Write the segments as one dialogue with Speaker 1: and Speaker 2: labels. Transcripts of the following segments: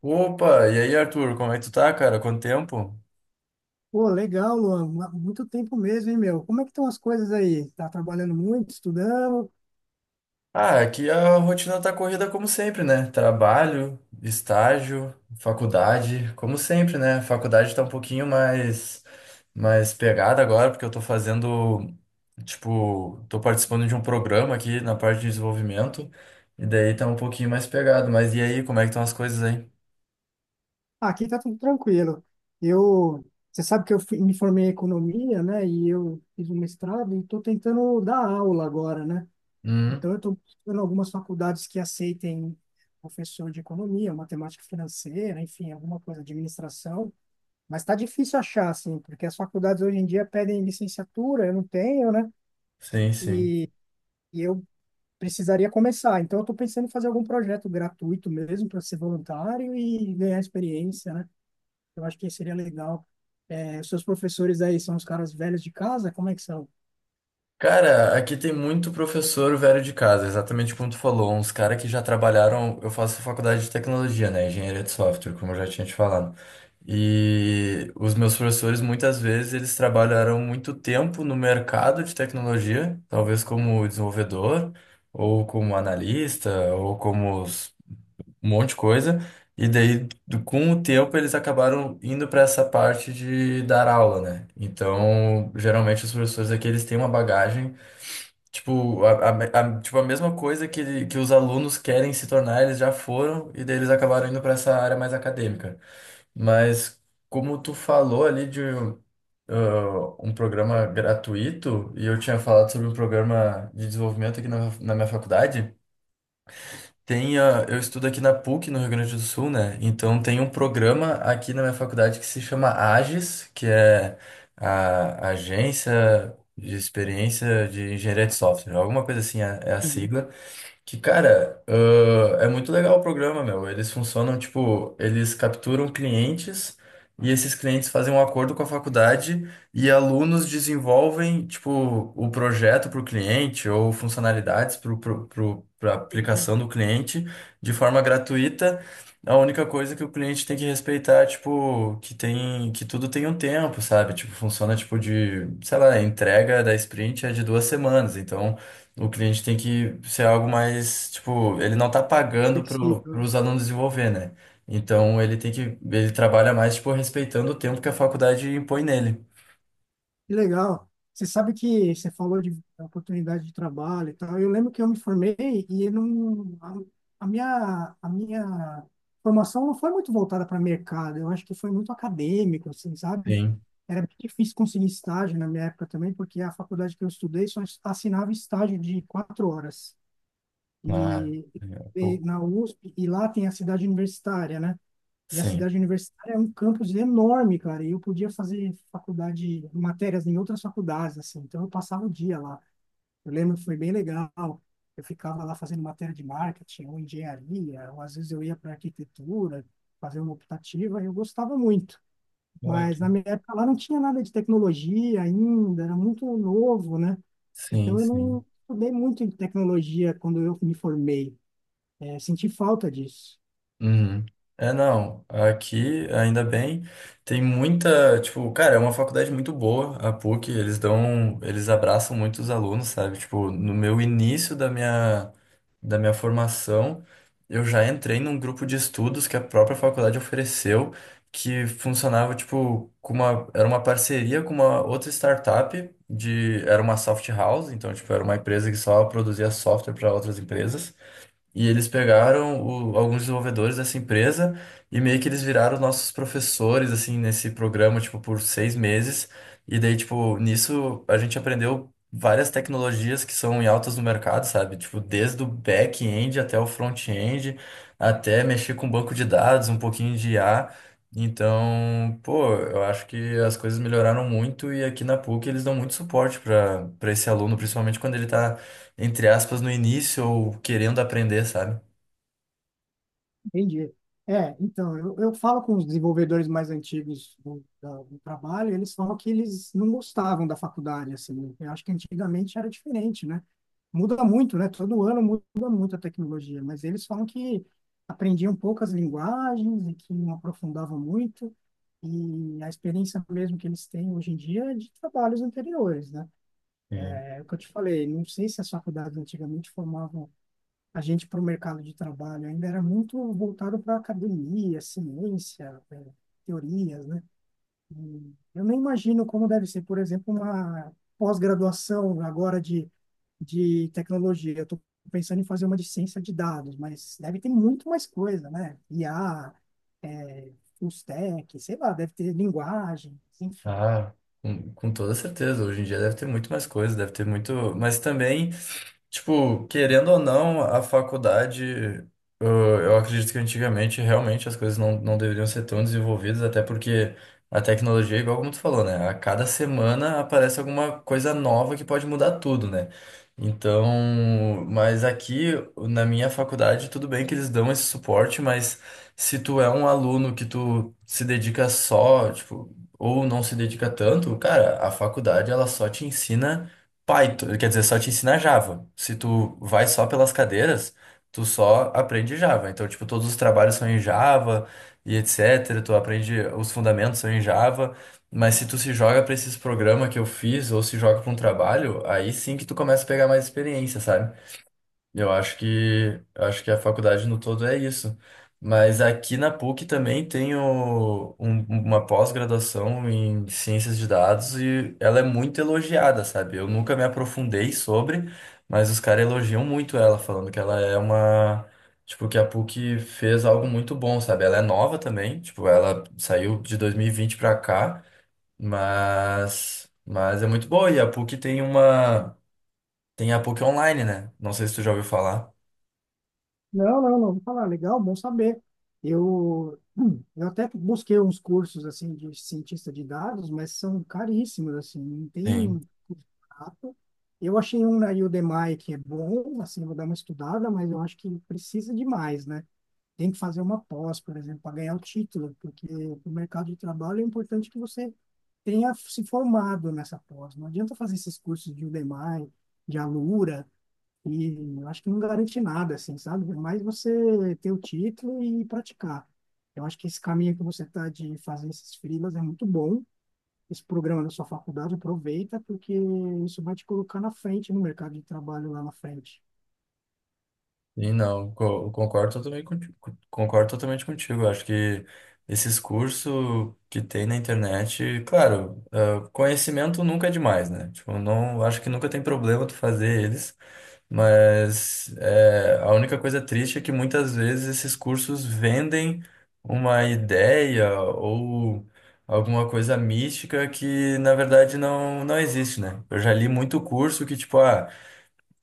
Speaker 1: Opa, e aí, Arthur, como é que tu tá, cara? Quanto tempo?
Speaker 2: Pô, legal, Luan. Muito tempo mesmo, hein, meu? Como é que estão as coisas aí? Tá trabalhando muito, estudando?
Speaker 1: Ah, aqui a rotina tá corrida como sempre, né? Trabalho, estágio, faculdade, como sempre, né? A faculdade tá um pouquinho mais pegada agora, porque eu tô fazendo, tipo, tô participando de um programa aqui na parte de desenvolvimento, e daí tá um pouquinho mais pegado. Mas e aí, como é que estão as coisas aí?
Speaker 2: Ah, aqui tá tudo tranquilo. Eu, você sabe que eu me formei em economia, né? E eu fiz um mestrado e estou tentando dar aula agora, né?
Speaker 1: Hum,
Speaker 2: Então eu estou buscando algumas faculdades que aceitem professor de economia, matemática financeira, enfim, alguma coisa, administração. Mas está difícil achar, assim, porque as faculdades hoje em dia pedem licenciatura, eu não tenho, né?
Speaker 1: sim, sim.
Speaker 2: E eu precisaria começar. Então, eu estou pensando em fazer algum projeto gratuito mesmo para ser voluntário e ganhar experiência, né? Eu acho que seria legal. É, os seus professores aí são os caras velhos de casa? Como é que são?
Speaker 1: Cara, aqui tem muito professor velho de casa, exatamente como tu falou, uns caras que já trabalharam. Eu faço faculdade de tecnologia, né? Engenharia de software, como eu já tinha te falado. E os meus professores, muitas vezes, eles trabalharam muito tempo no mercado de tecnologia, talvez como desenvolvedor, ou como analista, um monte de coisa. E daí, com o tempo, eles acabaram indo para essa parte de dar aula, né? Então, geralmente, os professores aqui, eles têm uma bagagem. Tipo, tipo, a mesma coisa que os alunos querem se tornar, eles já foram, e daí eles acabaram indo para essa área mais acadêmica. Mas como tu falou ali de um programa gratuito, e eu tinha falado sobre um programa de desenvolvimento aqui na minha faculdade. Eu estudo aqui na PUC, no Rio Grande do Sul, né? Então tem um programa aqui na minha faculdade que se chama AGES, que é a Agência de Experiência de Engenharia de Software, alguma coisa assim é a
Speaker 2: Uhum.
Speaker 1: sigla. Que, cara, é muito legal o programa, meu. Eles funcionam, tipo, eles capturam clientes e esses clientes fazem um acordo com a faculdade e alunos desenvolvem, tipo, o projeto para o cliente ou funcionalidades para a
Speaker 2: Legal.
Speaker 1: aplicação do cliente de forma gratuita. A única coisa que o cliente tem que respeitar, é, tipo, que tem, que tudo tem um tempo, sabe? Tipo, funciona, tipo, de, sei lá, a entrega da sprint é de 2 semanas, então. O cliente tem que ser algo mais, tipo, ele não tá pagando para
Speaker 2: Flexível.
Speaker 1: os alunos desenvolver, né? Então ele tem que, ele trabalha mais, tipo, respeitando o tempo que a faculdade impõe nele.
Speaker 2: Que legal. Você sabe que você falou de oportunidade de trabalho e tal. Eu lembro que eu me formei e eu não, a minha formação não foi muito voltada para mercado. Eu acho que foi muito acadêmico, assim, sabe?
Speaker 1: Sim.
Speaker 2: Era bem difícil conseguir estágio na minha época também, porque a faculdade que eu estudei só assinava estágio de 4 horas.
Speaker 1: Ah,
Speaker 2: E,
Speaker 1: é um
Speaker 2: e
Speaker 1: pouco.
Speaker 2: na USP, e lá tem a cidade universitária, né? E a
Speaker 1: Sim.
Speaker 2: cidade universitária é um campus enorme, cara. E eu podia fazer faculdade, matérias em outras faculdades, assim. Então eu passava o dia lá. Eu lembro que foi bem legal. Eu ficava lá fazendo matéria de marketing ou engenharia, ou às vezes eu ia para arquitetura, fazer uma optativa, e eu gostava muito. Mas na
Speaker 1: Ótimo.
Speaker 2: minha época lá não tinha nada de tecnologia ainda, era muito novo, né?
Speaker 1: Sim,
Speaker 2: Então eu
Speaker 1: sim.
Speaker 2: não estudei muito em tecnologia quando eu me formei. É, senti falta disso.
Speaker 1: Uhum. É, não. Aqui, ainda bem, tem muita, tipo, cara, é uma faculdade muito boa, a PUC, eles dão, eles abraçam muito os alunos, sabe? Tipo, no meu início da minha formação, eu já entrei num grupo de estudos que a própria faculdade ofereceu, que funcionava, tipo, com uma, era uma parceria com uma outra startup de, era uma soft house, então, tipo, era uma empresa que só produzia software para outras empresas. E eles pegaram alguns desenvolvedores dessa empresa e meio que eles viraram nossos professores, assim, nesse programa, tipo, por 6 meses. E daí, tipo, nisso a gente aprendeu várias tecnologias que são em altas no mercado, sabe? Tipo, desde o back-end até o front-end, até mexer com banco de dados, um pouquinho de IA. Então, pô, eu acho que as coisas melhoraram muito e aqui na PUC eles dão muito suporte para esse aluno, principalmente quando ele está entre aspas, no início ou querendo aprender, sabe?
Speaker 2: Entendi. É, então, eu falo com os desenvolvedores mais antigos do trabalho, eles falam que eles não gostavam da faculdade, assim. Eu acho que antigamente era diferente, né? Muda muito, né? Todo ano muda muito a tecnologia, mas eles falam que aprendiam poucas linguagens e que não aprofundavam muito. E a experiência mesmo que eles têm hoje em dia é de trabalhos anteriores, né?
Speaker 1: Sim.
Speaker 2: É o que eu te falei, não sei se as faculdades antigamente formavam a gente para o mercado de trabalho, ainda era muito voltado para academia, ciência, eh, teorias, né? Eu nem imagino como deve ser, por exemplo, uma pós-graduação agora de tecnologia. Eu estou pensando em fazer uma de ciência de dados, mas deve ter muito mais coisa, né? IA, full stack, sei lá, deve ter linguagens, enfim.
Speaker 1: Ah, com toda certeza. Hoje em dia deve ter muito mais coisas, deve ter muito. Mas também. Tipo, querendo ou não, a faculdade, eu, eu acredito que antigamente realmente as coisas não, não deveriam ser tão desenvolvidas, até porque a tecnologia, igual como tu falou, né? A cada semana aparece alguma coisa nova que pode mudar tudo, né? Então, mas aqui na minha faculdade, tudo bem que eles dão esse suporte, mas se tu é um aluno que tu se dedica só, tipo, ou não se dedica tanto, cara, a faculdade ela só te ensina Python, quer dizer, só te ensina Java. Se tu vai só pelas cadeiras, tu só aprende Java. Então, tipo, todos os trabalhos são em Java e etc. Tu aprende, os fundamentos são em Java. Mas se tu se joga pra esses programas que eu fiz ou se joga pra um trabalho, aí sim que tu começa a pegar mais experiência, sabe? Eu acho que a faculdade no todo é isso. Mas aqui na PUC também tem uma pós-graduação em ciências de dados e ela é muito elogiada, sabe? Eu nunca me aprofundei sobre, mas os caras elogiam muito ela, falando que ela é uma. Tipo, que a PUC fez algo muito bom, sabe? Ela é nova também, tipo, ela saiu de 2020 pra cá, mas é muito boa. E a PUC tem uma. Tem a PUC Online, né? Não sei se tu já ouviu falar.
Speaker 2: Não, não, não vou falar. Legal, bom saber. Eu até busquei uns cursos assim de cientista de dados, mas são caríssimos assim. Não tem
Speaker 1: Sim,
Speaker 2: curso barato. Eu achei um na Udemy que é bom, assim, vou dar uma estudada, mas eu acho que precisa de mais, né? Tem que fazer uma pós, por exemplo, para ganhar o título, porque no mercado de trabalho é importante que você tenha se formado nessa pós. Não adianta fazer esses cursos de Udemy, de Alura. E eu acho que não garante nada, assim, sabe? É mais você ter o título e praticar. Eu acho que esse caminho que você está de fazer esses freelas é muito bom. Esse programa da sua faculdade, aproveita, porque isso vai te colocar na frente no mercado de trabalho lá na frente.
Speaker 1: e não, concordo totalmente contigo, concordo totalmente contigo. Acho que esses cursos que tem na internet, claro, conhecimento nunca é demais, né? Tipo, não, acho que nunca tem problema tu fazer eles, mas é, a única coisa triste é que muitas vezes esses cursos vendem uma ideia ou alguma coisa mística que na verdade não, não existe, né? Eu já li muito curso que, tipo, ah,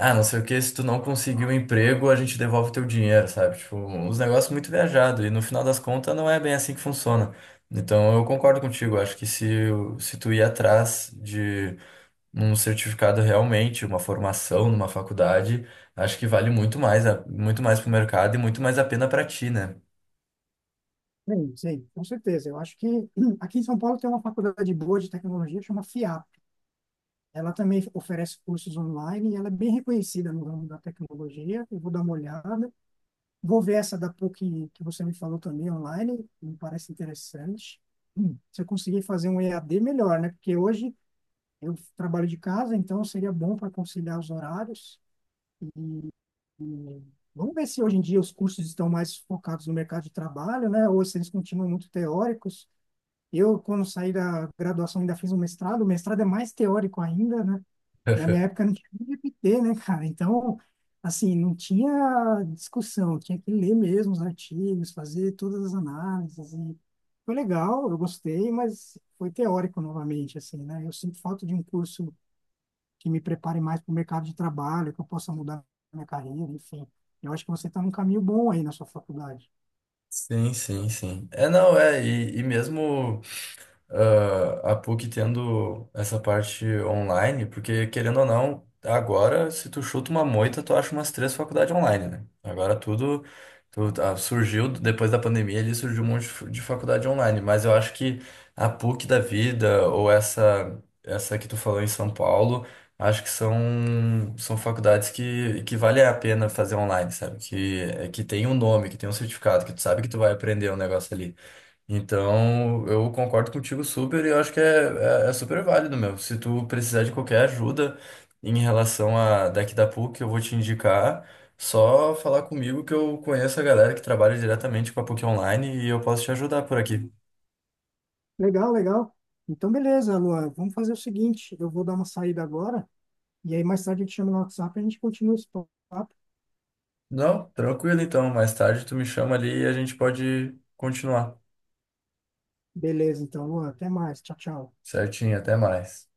Speaker 1: Ah, não sei o que, se tu não conseguir um emprego, a gente devolve teu dinheiro, sabe? Tipo, uns negócios muito viajados. E no final das contas, não é bem assim que funciona. Então, eu concordo contigo. Acho que se, se tu ir atrás de um certificado realmente, uma formação numa faculdade, acho que vale muito mais, muito mais pro mercado e muito mais a pena pra ti, né?
Speaker 2: Sim, sim, com certeza. Eu acho que aqui em São Paulo tem uma faculdade boa de tecnologia, chama FIAP. Ela também oferece cursos online e ela é bem reconhecida no ramo da tecnologia. Eu vou dar uma olhada. Vou ver essa da PUC que você me falou também online, me parece interessante. Se eu conseguir fazer um EAD, melhor, né? Porque hoje eu trabalho de casa, então seria bom para conciliar os horários. E vamos ver se hoje em dia os cursos estão mais focados no mercado de trabalho, né? Ou se eles continuam muito teóricos. Eu, quando saí da graduação, ainda fiz um mestrado. O mestrado é mais teórico ainda, né? Na minha época não tinha nem GPT, né, cara? Então, assim, não tinha discussão, tinha que ler mesmo os artigos, fazer todas as análises. E foi legal, eu gostei, mas foi teórico novamente, assim, né? Eu sinto falta de um curso que me prepare mais para o mercado de trabalho, que eu possa mudar minha carreira, enfim. Eu acho que você está num caminho bom aí na sua faculdade.
Speaker 1: Sim, sim, sim. É, não, é, e mesmo. A PUC tendo essa parte online, porque querendo ou não, agora se tu chuta uma moita, tu acha umas três faculdades online, né? Agora tudo surgiu depois da pandemia, ali surgiu um monte de faculdade online, mas eu acho que a PUC da vida ou essa que tu falou em São Paulo, acho que são faculdades que vale a pena fazer online, sabe? Que é que tem um nome, que tem um certificado, que tu sabe que tu vai aprender um negócio ali. Então, eu concordo contigo super e eu acho que é super válido, meu. Se tu precisar de qualquer ajuda em relação a daqui da PUC, eu vou te indicar. Só falar comigo que eu conheço a galera que trabalha diretamente com a PUC Online e eu posso te ajudar por aqui.
Speaker 2: Legal, legal. Então, beleza, Lua, vamos fazer o seguinte: eu vou dar uma saída agora, e aí mais tarde eu te chamo no WhatsApp e a gente continua esse papo.
Speaker 1: Não, tranquilo então. Mais tarde tu me chama ali e a gente pode continuar.
Speaker 2: Beleza, então, Luan. Até mais. Tchau, tchau.
Speaker 1: Certinho, até mais.